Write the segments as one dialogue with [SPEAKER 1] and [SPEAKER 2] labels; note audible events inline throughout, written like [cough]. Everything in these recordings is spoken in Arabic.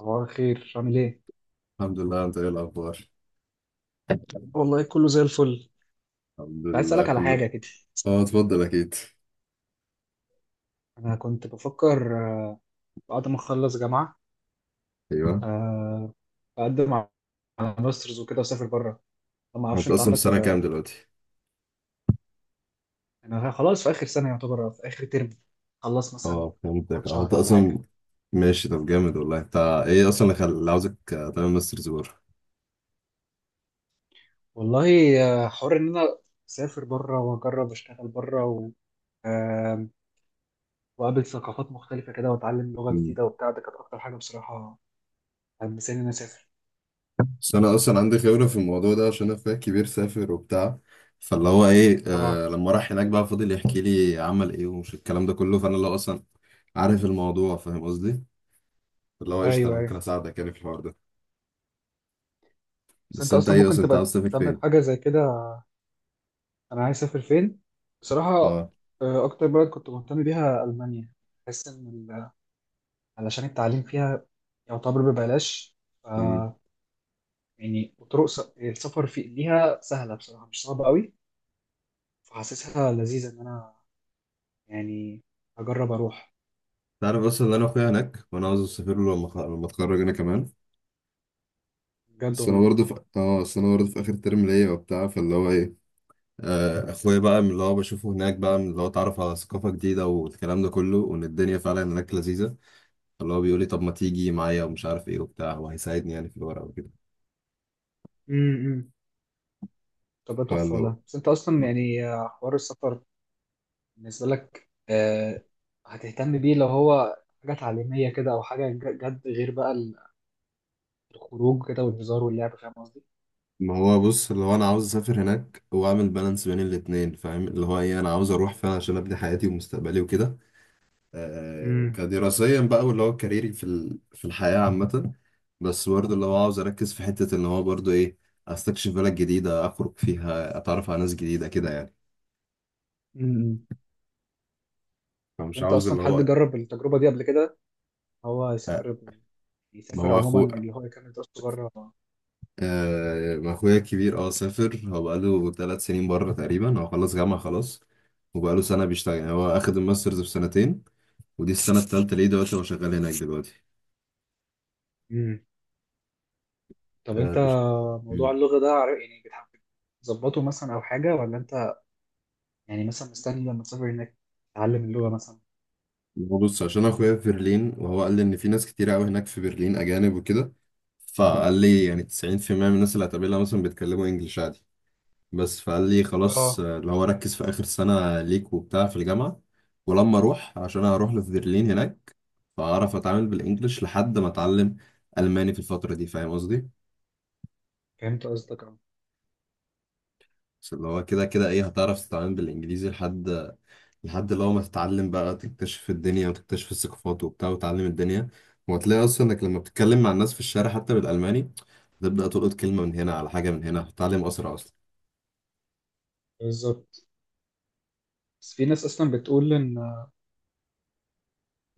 [SPEAKER 1] صباح الخير، عامل ايه؟
[SPEAKER 2] الحمد لله، انت ايه الاخبار؟
[SPEAKER 1] والله كله زي الفل.
[SPEAKER 2] الحمد
[SPEAKER 1] كنت عايز
[SPEAKER 2] لله
[SPEAKER 1] اسألك على
[SPEAKER 2] كله.
[SPEAKER 1] حاجة كده.
[SPEAKER 2] اه، اتفضل اكيد.
[SPEAKER 1] أنا كنت بفكر بعد ما أخلص جامعة
[SPEAKER 2] ايوه،
[SPEAKER 1] آه، أقدم على ماسترز وكده وأسافر بره. ما
[SPEAKER 2] هو
[SPEAKER 1] أعرفش
[SPEAKER 2] انت
[SPEAKER 1] أنت
[SPEAKER 2] اصلا في
[SPEAKER 1] عندك
[SPEAKER 2] سنه كام دلوقتي؟
[SPEAKER 1] يعني أنا خلاص في آخر سنة يعتبر، في آخر ترم. خلص مثلا
[SPEAKER 2] اه
[SPEAKER 1] كمان
[SPEAKER 2] فهمتك، اه انت
[SPEAKER 1] شهر ولا
[SPEAKER 2] اصلا.
[SPEAKER 1] حاجة.
[SPEAKER 2] ماشي، طب جامد والله انت. ايه اصلا اللي عاوزك تعمل ماسترز بره؟
[SPEAKER 1] والله حوار إن أنا أسافر بره وأجرب أشتغل بره و... آه، وأقابل ثقافات مختلفة كده وأتعلم لغة
[SPEAKER 2] مم.
[SPEAKER 1] جديدة وبتاع. ده كانت أكتر حاجة بصراحة حمساني إن أنا أسافر.
[SPEAKER 2] بس انا اصلا عندي خبره في الموضوع ده عشان انا اخويا الكبير سافر وبتاع، فاللي هو ايه،
[SPEAKER 1] آه،
[SPEAKER 2] لما راح هناك بقى فضل يحكي لي عمل ايه ومش الكلام ده كله، فانا اللي هو اصلا عارف الموضوع فاهم قصدي. اللي هو قشطه، انا
[SPEAKER 1] أيوه
[SPEAKER 2] ممكن
[SPEAKER 1] أيوه.
[SPEAKER 2] اساعدك يعني في الحوار ده.
[SPEAKER 1] بس
[SPEAKER 2] بس
[SPEAKER 1] انت
[SPEAKER 2] انت
[SPEAKER 1] اصلا
[SPEAKER 2] ايه
[SPEAKER 1] ممكن
[SPEAKER 2] اصلا، انت
[SPEAKER 1] تبقى
[SPEAKER 2] عاوز تسافر
[SPEAKER 1] مهتم
[SPEAKER 2] فين؟
[SPEAKER 1] بحاجه زي كده؟ انا عايز اسافر فين؟ بصراحه
[SPEAKER 2] اه،
[SPEAKER 1] اكتر بلد كنت مهتم بيها المانيا. بحس ان علشان التعليم فيها يعتبر ببلاش، ف يعني وطرق السفر في ليها سهله بصراحه، مش صعبه قوي. فحاسسها لذيذه ان انا يعني اجرب اروح.
[SPEAKER 2] تعرف اصلا ان انا اخويا هناك وانا عاوز اسافر له لما اتخرج انا كمان.
[SPEAKER 1] بجد والله.
[SPEAKER 2] بس انا برضه في اخر ترم ليا وبتاع، فاللي هو ايه، اخويا بقى من اللي هو بشوفه هناك، بقى من اللي هو اتعرف على ثقافه جديده والكلام ده كله، وان الدنيا فعلا هناك لذيذه. فاللي هو بيقول لي طب ما تيجي معايا ومش عارف ايه وبتاع، وهيساعدني يعني في الورق وكده.
[SPEAKER 1] امم. طب ده تحفه
[SPEAKER 2] فاللي هو،
[SPEAKER 1] والله. بس انت اصلا يعني حوار السفر بالنسبه لك، هتهتم بيه لو هو حاجه تعليميه كده، او حاجه جد غير بقى الخروج كده والهزار واللعب، فاهم قصدي؟
[SPEAKER 2] ما هو بص، اللي هو انا عاوز اسافر هناك واعمل بالانس بين الاتنين، فاهم اللي هو ايه، انا عاوز اروح فعلا عشان ابني حياتي ومستقبلي وكده،
[SPEAKER 1] امم.
[SPEAKER 2] كدراسيا بقى، واللي هو كاريري في الحياة عامة. بس برضه اللي هو عاوز أركز في حتة إن هو برضه إيه، أستكشف بلد جديدة، أخرج فيها، أتعرف على ناس جديدة كده يعني.
[SPEAKER 1] امم. طب
[SPEAKER 2] فمش
[SPEAKER 1] انت
[SPEAKER 2] عاوز
[SPEAKER 1] اصلا
[SPEAKER 2] اللي
[SPEAKER 1] حد
[SPEAKER 2] هو،
[SPEAKER 1] جرب التجربه دي قبل كده؟ هو
[SPEAKER 2] آه،
[SPEAKER 1] يسافر،
[SPEAKER 2] ما
[SPEAKER 1] يسافر
[SPEAKER 2] هو
[SPEAKER 1] عموما،
[SPEAKER 2] أخو
[SPEAKER 1] اللي هو يكمل دراسته بره.
[SPEAKER 2] ما أخويا الكبير سافر، هو بقاله 3 سنين بره تقريبا. هو خلص جامعة خلاص، وبقاله سنة بيشتغل، يعني هو أخد الماسترز في سنتين، ودي السنة التالتة ليه دلوقتي، هو شغال هناك دلوقتي.
[SPEAKER 1] امم. طب
[SPEAKER 2] آه،
[SPEAKER 1] انت
[SPEAKER 2] بيشت-
[SPEAKER 1] موضوع اللغه ده، يعني بتحب تظبطه مثلا او حاجه، ولا انت يعني مثلا مستني لما تسافر هناك تتعلم اللغه مثلا؟
[SPEAKER 2] بص، عشان اخويا في برلين، وهو قال لي ان في ناس كتير قوي هناك في برلين اجانب وكده، فقال لي يعني 90% من الناس اللي هتقابلها مثلا بيتكلموا انجلش عادي. بس فقال لي خلاص،
[SPEAKER 1] اه،
[SPEAKER 2] اللي هو ركز في اخر سنة ليك وبتاع في الجامعة، ولما اروح، عشان أنا هروح في برلين هناك، فاعرف اتعامل بالانجلش لحد ما اتعلم الماني في الفترة دي، فاهم قصدي.
[SPEAKER 1] فهمت قصدك اه.
[SPEAKER 2] بس اللي هو كده كده ايه، هتعرف تتعامل بالانجليزي لحد اللي هو ما تتعلم بقى، تكتشف الدنيا وتكتشف الثقافات وبتاع وتعلم الدنيا، وهتلاقي اصلا انك لما بتتكلم مع الناس في الشارع حتى بالالماني، تبدا تلقط كلمه من هنا على حاجه من هنا، هتتعلم اسرع اصلا.
[SPEAKER 1] بالظبط. بس في ناس اصلا بتقول ان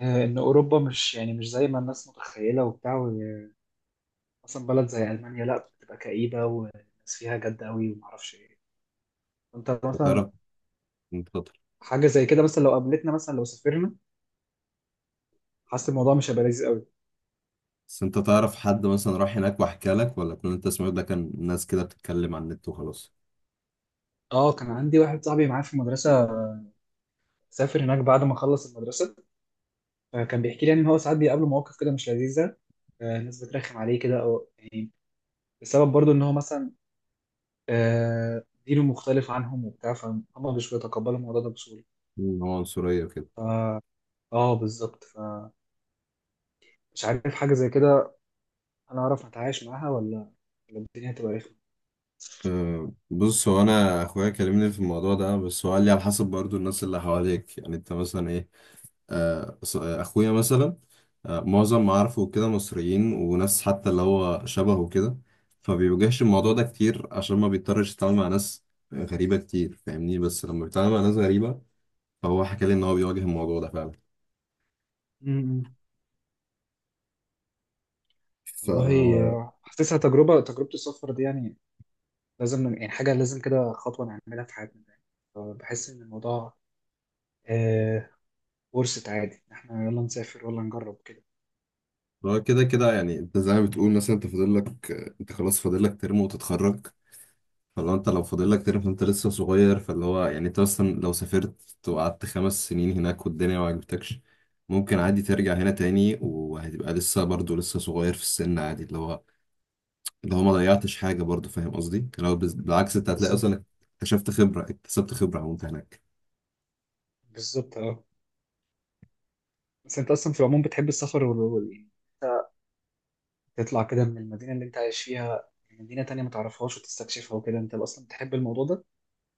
[SPEAKER 1] ان اوروبا مش يعني مش زي ما الناس متخيله وبتاع. مثلا بلد زي ألمانيا، لا، بتبقى كئيبة والناس فيها جد قوي ومعرفش ايه. انت مثلا
[SPEAKER 2] هتعرف، انت شاطر.
[SPEAKER 1] حاجة زي كده مثلا لو قابلتنا، مثلا لو سافرنا، حاسس الموضوع مش هيبقى لذيذ قوي.
[SPEAKER 2] بس انت تعرف حد مثلا راح هناك وحكى لك، ولا كل اللي انت سمعته ده كان ناس كده بتتكلم على النت وخلاص؟
[SPEAKER 1] اه، كان عندي واحد صاحبي معايا في المدرسة، سافر هناك بعد ما خلص المدرسة، فكان بيحكي لي يعني ان هو ساعات بيقابله مواقف كده مش لذيذة. الناس بترخم عليه كده، او يعني بسبب برضو ان هو مثلا دينه مختلف عنهم وبتاع، فهم مش بيتقبلوا الموضوع ده بسهولة.
[SPEAKER 2] إن هو عنصريه وكده.
[SPEAKER 1] اه بالظبط. فمش عارف حاجة زي كده انا اعرف اتعايش معاها، ولا ولا الدنيا هتبقى رخمة.
[SPEAKER 2] بص، هو انا اخويا كلمني في الموضوع ده، بس هو قال لي على حسب برضو الناس اللي حواليك، يعني انت مثلا ايه، اخويا مثلا، معظم معارفه كده مصريين وناس حتى اللي هو شبهه كده، فبيواجهش الموضوع
[SPEAKER 1] مم.
[SPEAKER 2] ده كتير، عشان ما بيضطرش يتعامل مع ناس غريبة كتير، فاهمني، بس لما بيتعامل مع ناس غريبة، فهو حكى لي ان هو بيواجه الموضوع ده فعلا.
[SPEAKER 1] مم.
[SPEAKER 2] ف
[SPEAKER 1] والله حاسسها تجربة، تجربة السفر دي يعني لازم، يعني حاجة لازم كده خطوة نعملها في حياتنا يعني. فبحس إن الموضوع آه ورثة عادي إن إحنا يلا نسافر ولا نجرب كده.
[SPEAKER 2] هو كده كده يعني، انت زي ما بتقول مثلا، انت فاضل لك، انت خلاص فاضل لك ترم وتتخرج، فلو انت لو فاضل لك تاني فانت لسه صغير، فاللي هو يعني انت اصلا لو سافرت وقعدت 5 سنين هناك والدنيا ما عجبتكش، ممكن عادي ترجع هنا تاني، وهتبقى لسه برضه لسه صغير في السن عادي، اللي هو ما ضيعتش حاجة برضه، فاهم قصدي؟ بالعكس، انت هتلاقي
[SPEAKER 1] بالظبط.
[SPEAKER 2] اصلا اكتشفت خبرة، اكتسبت خبرة وانت هناك.
[SPEAKER 1] بالظبط أه. بس أنت أصلا في العموم بتحب السفر وال يعني تطلع كده من المدينة اللي أنت عايش فيها، يعني مدينة تانية ما تعرفهاش وتستكشفها وكده، أنت أصلا بتحب الموضوع ده؟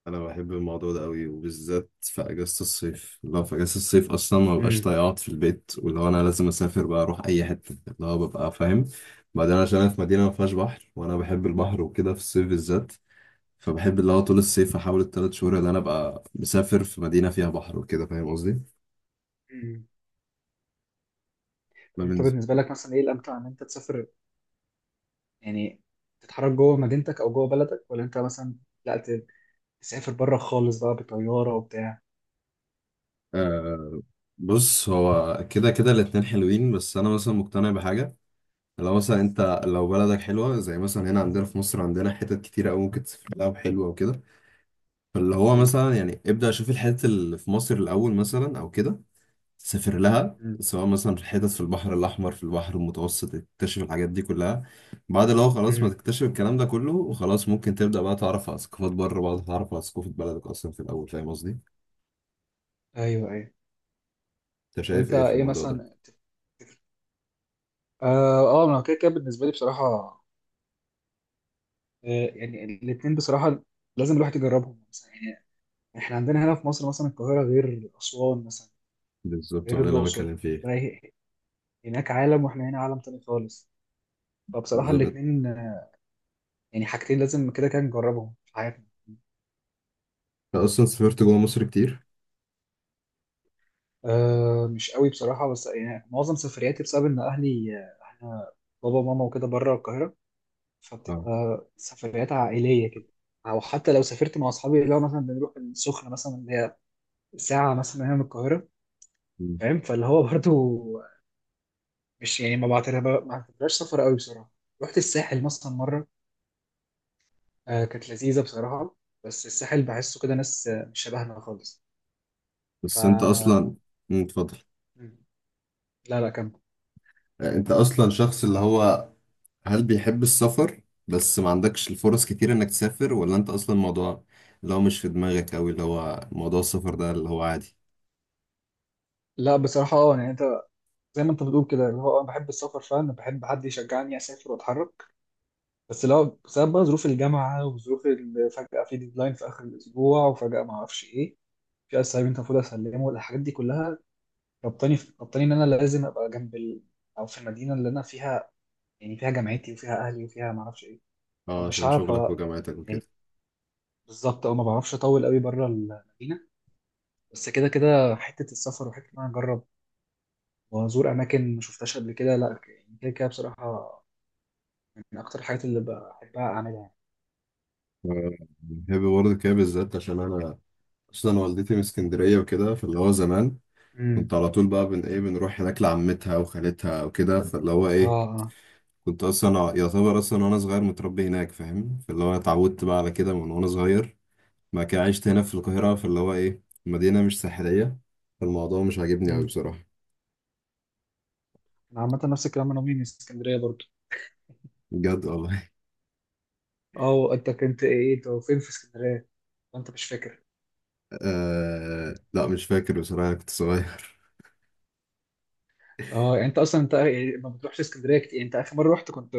[SPEAKER 2] انا بحب الموضوع ده قوي، وبالذات في اجازه الصيف، لو في اجازه الصيف اصلا ما ببقاش
[SPEAKER 1] امم.
[SPEAKER 2] طايق اقعد في البيت، واللي هو انا لازم اسافر بقى، اروح اي حته اللي هو، ببقى فاهم. بعدين عشان انا في مدينه ما فيهاش بحر، وانا بحب البحر وكده في الصيف بالذات، فبحب اللي هو طول الصيف احاول الثلاث شهور اللي انا ابقى مسافر في مدينه فيها بحر وكده، فاهم قصدي.
[SPEAKER 1] امم.
[SPEAKER 2] ده
[SPEAKER 1] طب أنت
[SPEAKER 2] بالنسبه.
[SPEAKER 1] بالنسبة لك مثلا إيه الأمتع، إن أنت تسافر يعني تتحرك جوه مدينتك أو جوه بلدك، ولا أنت مثلا، لا، تسافر بره خالص بقى بطيارة وبتاع؟
[SPEAKER 2] آه بص، هو كده كده الاتنين حلوين، بس انا مثلا مقتنع بحاجه، لو مثلا انت لو بلدك حلوه، زي مثلا هنا عندنا في مصر عندنا حتت كتيره قوي ممكن تسافر لها وحلوه وكده، فاللي هو
[SPEAKER 1] مم.
[SPEAKER 2] مثلا يعني ابدأ شوف الحتت اللي في مصر الأول مثلا أو كده، سافر لها،
[SPEAKER 1] مم.
[SPEAKER 2] سواء مثلا في الحتت في البحر الأحمر في البحر المتوسط، تكتشف الحاجات دي كلها. بعد لو خلاص ما
[SPEAKER 1] مم.
[SPEAKER 2] تكتشف الكلام ده كله وخلاص، ممكن تبدأ بقى تعرف على ثقافات بره، بعد تعرف على ثقافة بلدك أصلا في الأول، فاهم قصدي؟
[SPEAKER 1] ايوه ايوه.
[SPEAKER 2] أنت
[SPEAKER 1] طب
[SPEAKER 2] شايف
[SPEAKER 1] انت
[SPEAKER 2] إيه في
[SPEAKER 1] ايه
[SPEAKER 2] الموضوع ده؟
[SPEAKER 1] مثلا تفتكر؟ اه. اه انا كده كده بالنسبه لي بصراحه، آه يعني الاثنين بصراحه لازم الواحد يجربهم مثلا. يعني احنا عندنا هنا في مصر مثلا، القاهره غير اسوان مثلا،
[SPEAKER 2] بالظبط،
[SPEAKER 1] غير
[SPEAKER 2] وأنا اللي أنا
[SPEAKER 1] الاقصر.
[SPEAKER 2] بتكلم فيه.
[SPEAKER 1] فهي- هناك عالم واحنا هنا عالم تاني خالص. فبصراحه
[SPEAKER 2] بالظبط.
[SPEAKER 1] الاثنين يعني حاجتين لازم كده كده نجربهم في حياتنا.
[SPEAKER 2] أنت أصلا سافرت جوه مصر كتير؟
[SPEAKER 1] آه مش قوي بصراحه، بس يعني معظم سفرياتي بسبب ان اهلي، احنا بابا وماما وكده بره القاهره،
[SPEAKER 2] اه.
[SPEAKER 1] فبتبقى سفريات عائليه كده. او حتى لو سافرت مع اصحابي، اللي هو مثلا بنروح السخنه مثلا، اللي هي ساعه مثلا هنا من القاهره،
[SPEAKER 2] مم.
[SPEAKER 1] فاهم، فاللي هو برضو مش يعني، ما بعتبرها، ما بعتبرهاش سفر قوي بصراحه. رحت الساحل مثلا مره، آه كانت لذيذه بصراحه، بس الساحل بحسه كده ناس مش شبهنا خالص. ف
[SPEAKER 2] بس أنت أصلا. مم، اتفضل.
[SPEAKER 1] مم. لا لا كان.
[SPEAKER 2] أنت أصلا شخص اللي هو، هل بيحب السفر بس ما عندكش الفرص كتير انك تسافر، ولا انت اصلا الموضوع اللي هو مش في دماغك اوي، اللي هو موضوع السفر ده اللي هو عادي؟
[SPEAKER 1] لا بصراحه اه. يعني انت زي ما انت بتقول كده، اللي هو أنا بحب السفر فعلا، بحب حد يشجعني اسافر واتحرك. بس لو بسبب بقى ظروف الجامعه وظروف فجاه في ديدلاين في اخر الاسبوع، وفجاه ما اعرفش ايه، في اسايمنت المفروض اسلمه، الحاجات دي كلها ربطاني ان انا لازم ابقى جنب ال... او في المدينه اللي انا فيها يعني، فيها جامعتي وفيها اهلي وفيها ما اعرفش ايه.
[SPEAKER 2] اه،
[SPEAKER 1] فمش
[SPEAKER 2] عشان
[SPEAKER 1] عارف
[SPEAKER 2] شغلك وجامعتك
[SPEAKER 1] يعني
[SPEAKER 2] وكده.
[SPEAKER 1] بالظبط، او ما بعرفش اطول قوي بره المدينه. بس كده كده حته السفر وحته ان انا اجرب وازور اماكن ما شفتهاش قبل كده، لا يعني كده كده بصراحه من اكتر الحاجات اللي بحبها اعملها يعني.
[SPEAKER 2] آه، بحب برضه كده بالذات، عشان انا اصلا والدتي من اسكندرية وكده، فاللي هو زمان
[SPEAKER 1] امم.
[SPEAKER 2] كنت على طول بقى بن ايه بنروح هناك لعمتها وخالتها وكده، فاللي هو
[SPEAKER 1] اه.
[SPEAKER 2] ايه،
[SPEAKER 1] اه.
[SPEAKER 2] كنت اصلا يعتبر اصلا وانا صغير متربي هناك، فاهم، فاللي هو أنا اتعودت بقى على كده من وانا صغير. ما كان عشت هنا في القاهرة، فاللي هو إيه، مدينة مش ساحلية، فالموضوع مش عاجبني أوي
[SPEAKER 1] مم.
[SPEAKER 2] بصراحة.
[SPEAKER 1] انا عامه نفس الكلام، انا مين من اسكندريه برضو.
[SPEAKER 2] بجد والله. [laughs]
[SPEAKER 1] اه انت كنت ايه، انت فين في اسكندريه، انت مش فاكر؟
[SPEAKER 2] لا مش فاكر بصراحة، كنت صغير. [laughs]
[SPEAKER 1] اه يعني انت اصلا انت يعني ما بتروحش اسكندريه كتير، يعني انت اخر مره رحت كنت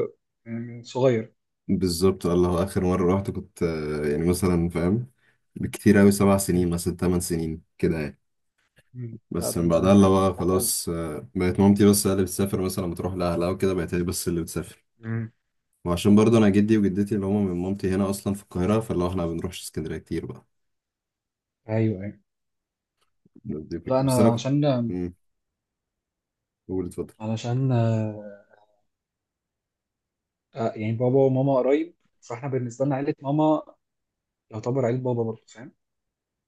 [SPEAKER 1] من صغير؟
[SPEAKER 2] بالظبط والله، آخر مرة رحت كنت يعني مثلا فاهم، بكتير أوي، سبع
[SPEAKER 1] مم.
[SPEAKER 2] سنين مثلا 8 سنين كده يعني.
[SPEAKER 1] مم. لا
[SPEAKER 2] بس
[SPEAKER 1] ده
[SPEAKER 2] من
[SPEAKER 1] من زمان
[SPEAKER 2] بعدها اللي
[SPEAKER 1] فعلا.
[SPEAKER 2] هو خلاص، بقت مامتي بس هي اللي بتسافر، مثلا بتروح لأهلها وكده، بقت هي بس اللي بتسافر.
[SPEAKER 1] مم.
[SPEAKER 2] وعشان برضه أنا جدي وجدتي اللي هما من مامتي هنا أصلا في القاهرة، فاللي هو إحنا ما بنروحش اسكندرية كتير بقى.
[SPEAKER 1] ايوه ايوه.
[SPEAKER 2] دي
[SPEAKER 1] لا
[SPEAKER 2] الفكرة، بس أنا
[SPEAKER 1] انا
[SPEAKER 2] كنت.
[SPEAKER 1] عشان
[SPEAKER 2] مم، قول اتفضل.
[SPEAKER 1] علشان يعني بابا وماما قريب، فاحنا بالنسبه لنا عيله ماما يعتبر عيله بابا برضه، فاهم؟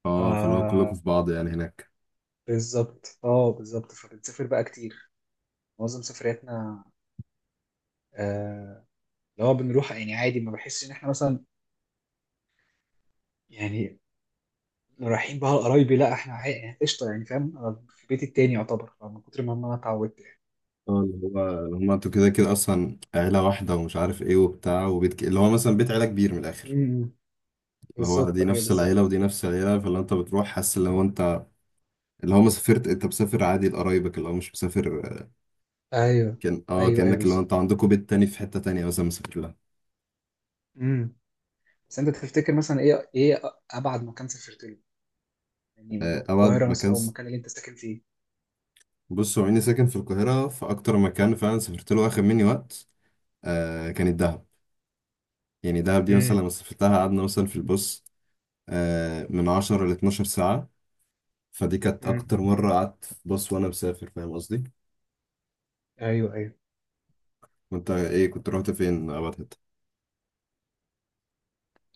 [SPEAKER 2] اه، فلو كلكم
[SPEAKER 1] آه.
[SPEAKER 2] في بعض يعني هناك.
[SPEAKER 1] بالظبط اه بالظبط. فبنسافر بقى كتير، معظم سفرياتنا آه، اللي هو بنروح يعني عادي. ما بحسش ان احنا مثلا يعني رايحين بقى لقرايبي، لا احنا يعني قشطه يعني، فاهم؟ أنا في بيتي التاني يعتبر، من كتر ما انا اتعودت يعني.
[SPEAKER 2] اه، اللي هو اللي هما انتوا كده كده اصلا عيلة واحدة ومش عارف ايه وبتاع، اللي هو مثلا بيت عيلة كبير من الاخر.
[SPEAKER 1] امم.
[SPEAKER 2] اللي هو
[SPEAKER 1] بالظبط
[SPEAKER 2] دي
[SPEAKER 1] ايوه
[SPEAKER 2] نفس
[SPEAKER 1] بالظبط.
[SPEAKER 2] العيلة ودي نفس العيلة، فاللي انت بتروح حاسس اللي هو انت، اللي هو ما سافرت، انت مسافر عادي لقرايبك، اللي هو مش مسافر،
[SPEAKER 1] ايوه
[SPEAKER 2] كان
[SPEAKER 1] ايوه ايوه
[SPEAKER 2] كأنك اللي هو انت
[SPEAKER 1] بالظبط.
[SPEAKER 2] عندكم بيت تاني في حتة تانية مثلا مسافر لها.
[SPEAKER 1] امم. بس انت تفتكر مثلا ايه، ايه ابعد مكان سافرت له يعني من
[SPEAKER 2] آه، ابعد
[SPEAKER 1] القاهره مثلا
[SPEAKER 2] مكان
[SPEAKER 1] او
[SPEAKER 2] س...
[SPEAKER 1] المكان اللي انت ساكن فيه؟
[SPEAKER 2] بص، هو اني ساكن في القاهرة، فاكتر مكان فعلا سافرت له واخد مني وقت، كانت دهب. يعني دهب دي مثلا
[SPEAKER 1] امم.
[SPEAKER 2] لما سافرتها قعدنا مثلا في البص من 10 ل 12 ساعة. فدي كانت
[SPEAKER 1] امم.
[SPEAKER 2] أكتر مرة قعدت في باص وأنا مسافر، فاهم قصدي؟
[SPEAKER 1] ايوه ايوه.
[SPEAKER 2] وأنت إيه كنت رحت فين أبعد حتة؟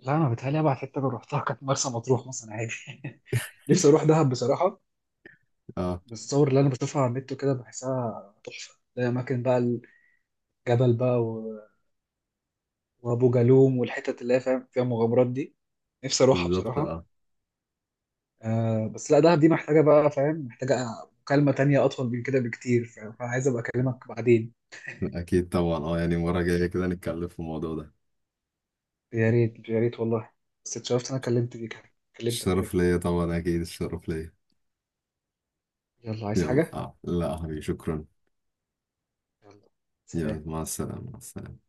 [SPEAKER 1] لا انا بتهيألي ابعد حته انا رحتها كانت مرسى مطروح مثلا عادي [laughs] نفسي اروح دهب بصراحه.
[SPEAKER 2] أه.
[SPEAKER 1] بالصور اللي انا بشوفها على النت وكده بحسها تحفه، الاماكن بقى، الجبل بقى، وابو جالوم والحتت اللي هي فاهم فيها مغامرات دي، نفسي اروحها
[SPEAKER 2] بالظبط
[SPEAKER 1] بصراحه.
[SPEAKER 2] أه.
[SPEAKER 1] آه بس لا، دهب دي محتاجه بقى، فاهم، محتاجه مكالمه تانية اطول من كده بكتير، فاهم؟ فعايز ابقى اكلمك بعدين.
[SPEAKER 2] أكيد طبعا، يعني مرة جاية كده نتكلم في الموضوع ده.
[SPEAKER 1] يا ريت يا ريت والله. بس اتشرفت إن انا كلمت بيك، كلمتك كده
[SPEAKER 2] الشرف
[SPEAKER 1] كده.
[SPEAKER 2] ليا طبعا، أكيد الشرف ليا.
[SPEAKER 1] يلا، عايز
[SPEAKER 2] يلا،
[SPEAKER 1] حاجه؟
[SPEAKER 2] لا يا حبيبي شكرا.
[SPEAKER 1] يلا.
[SPEAKER 2] يلا
[SPEAKER 1] سلام.
[SPEAKER 2] مع السلامة، مع السلامة.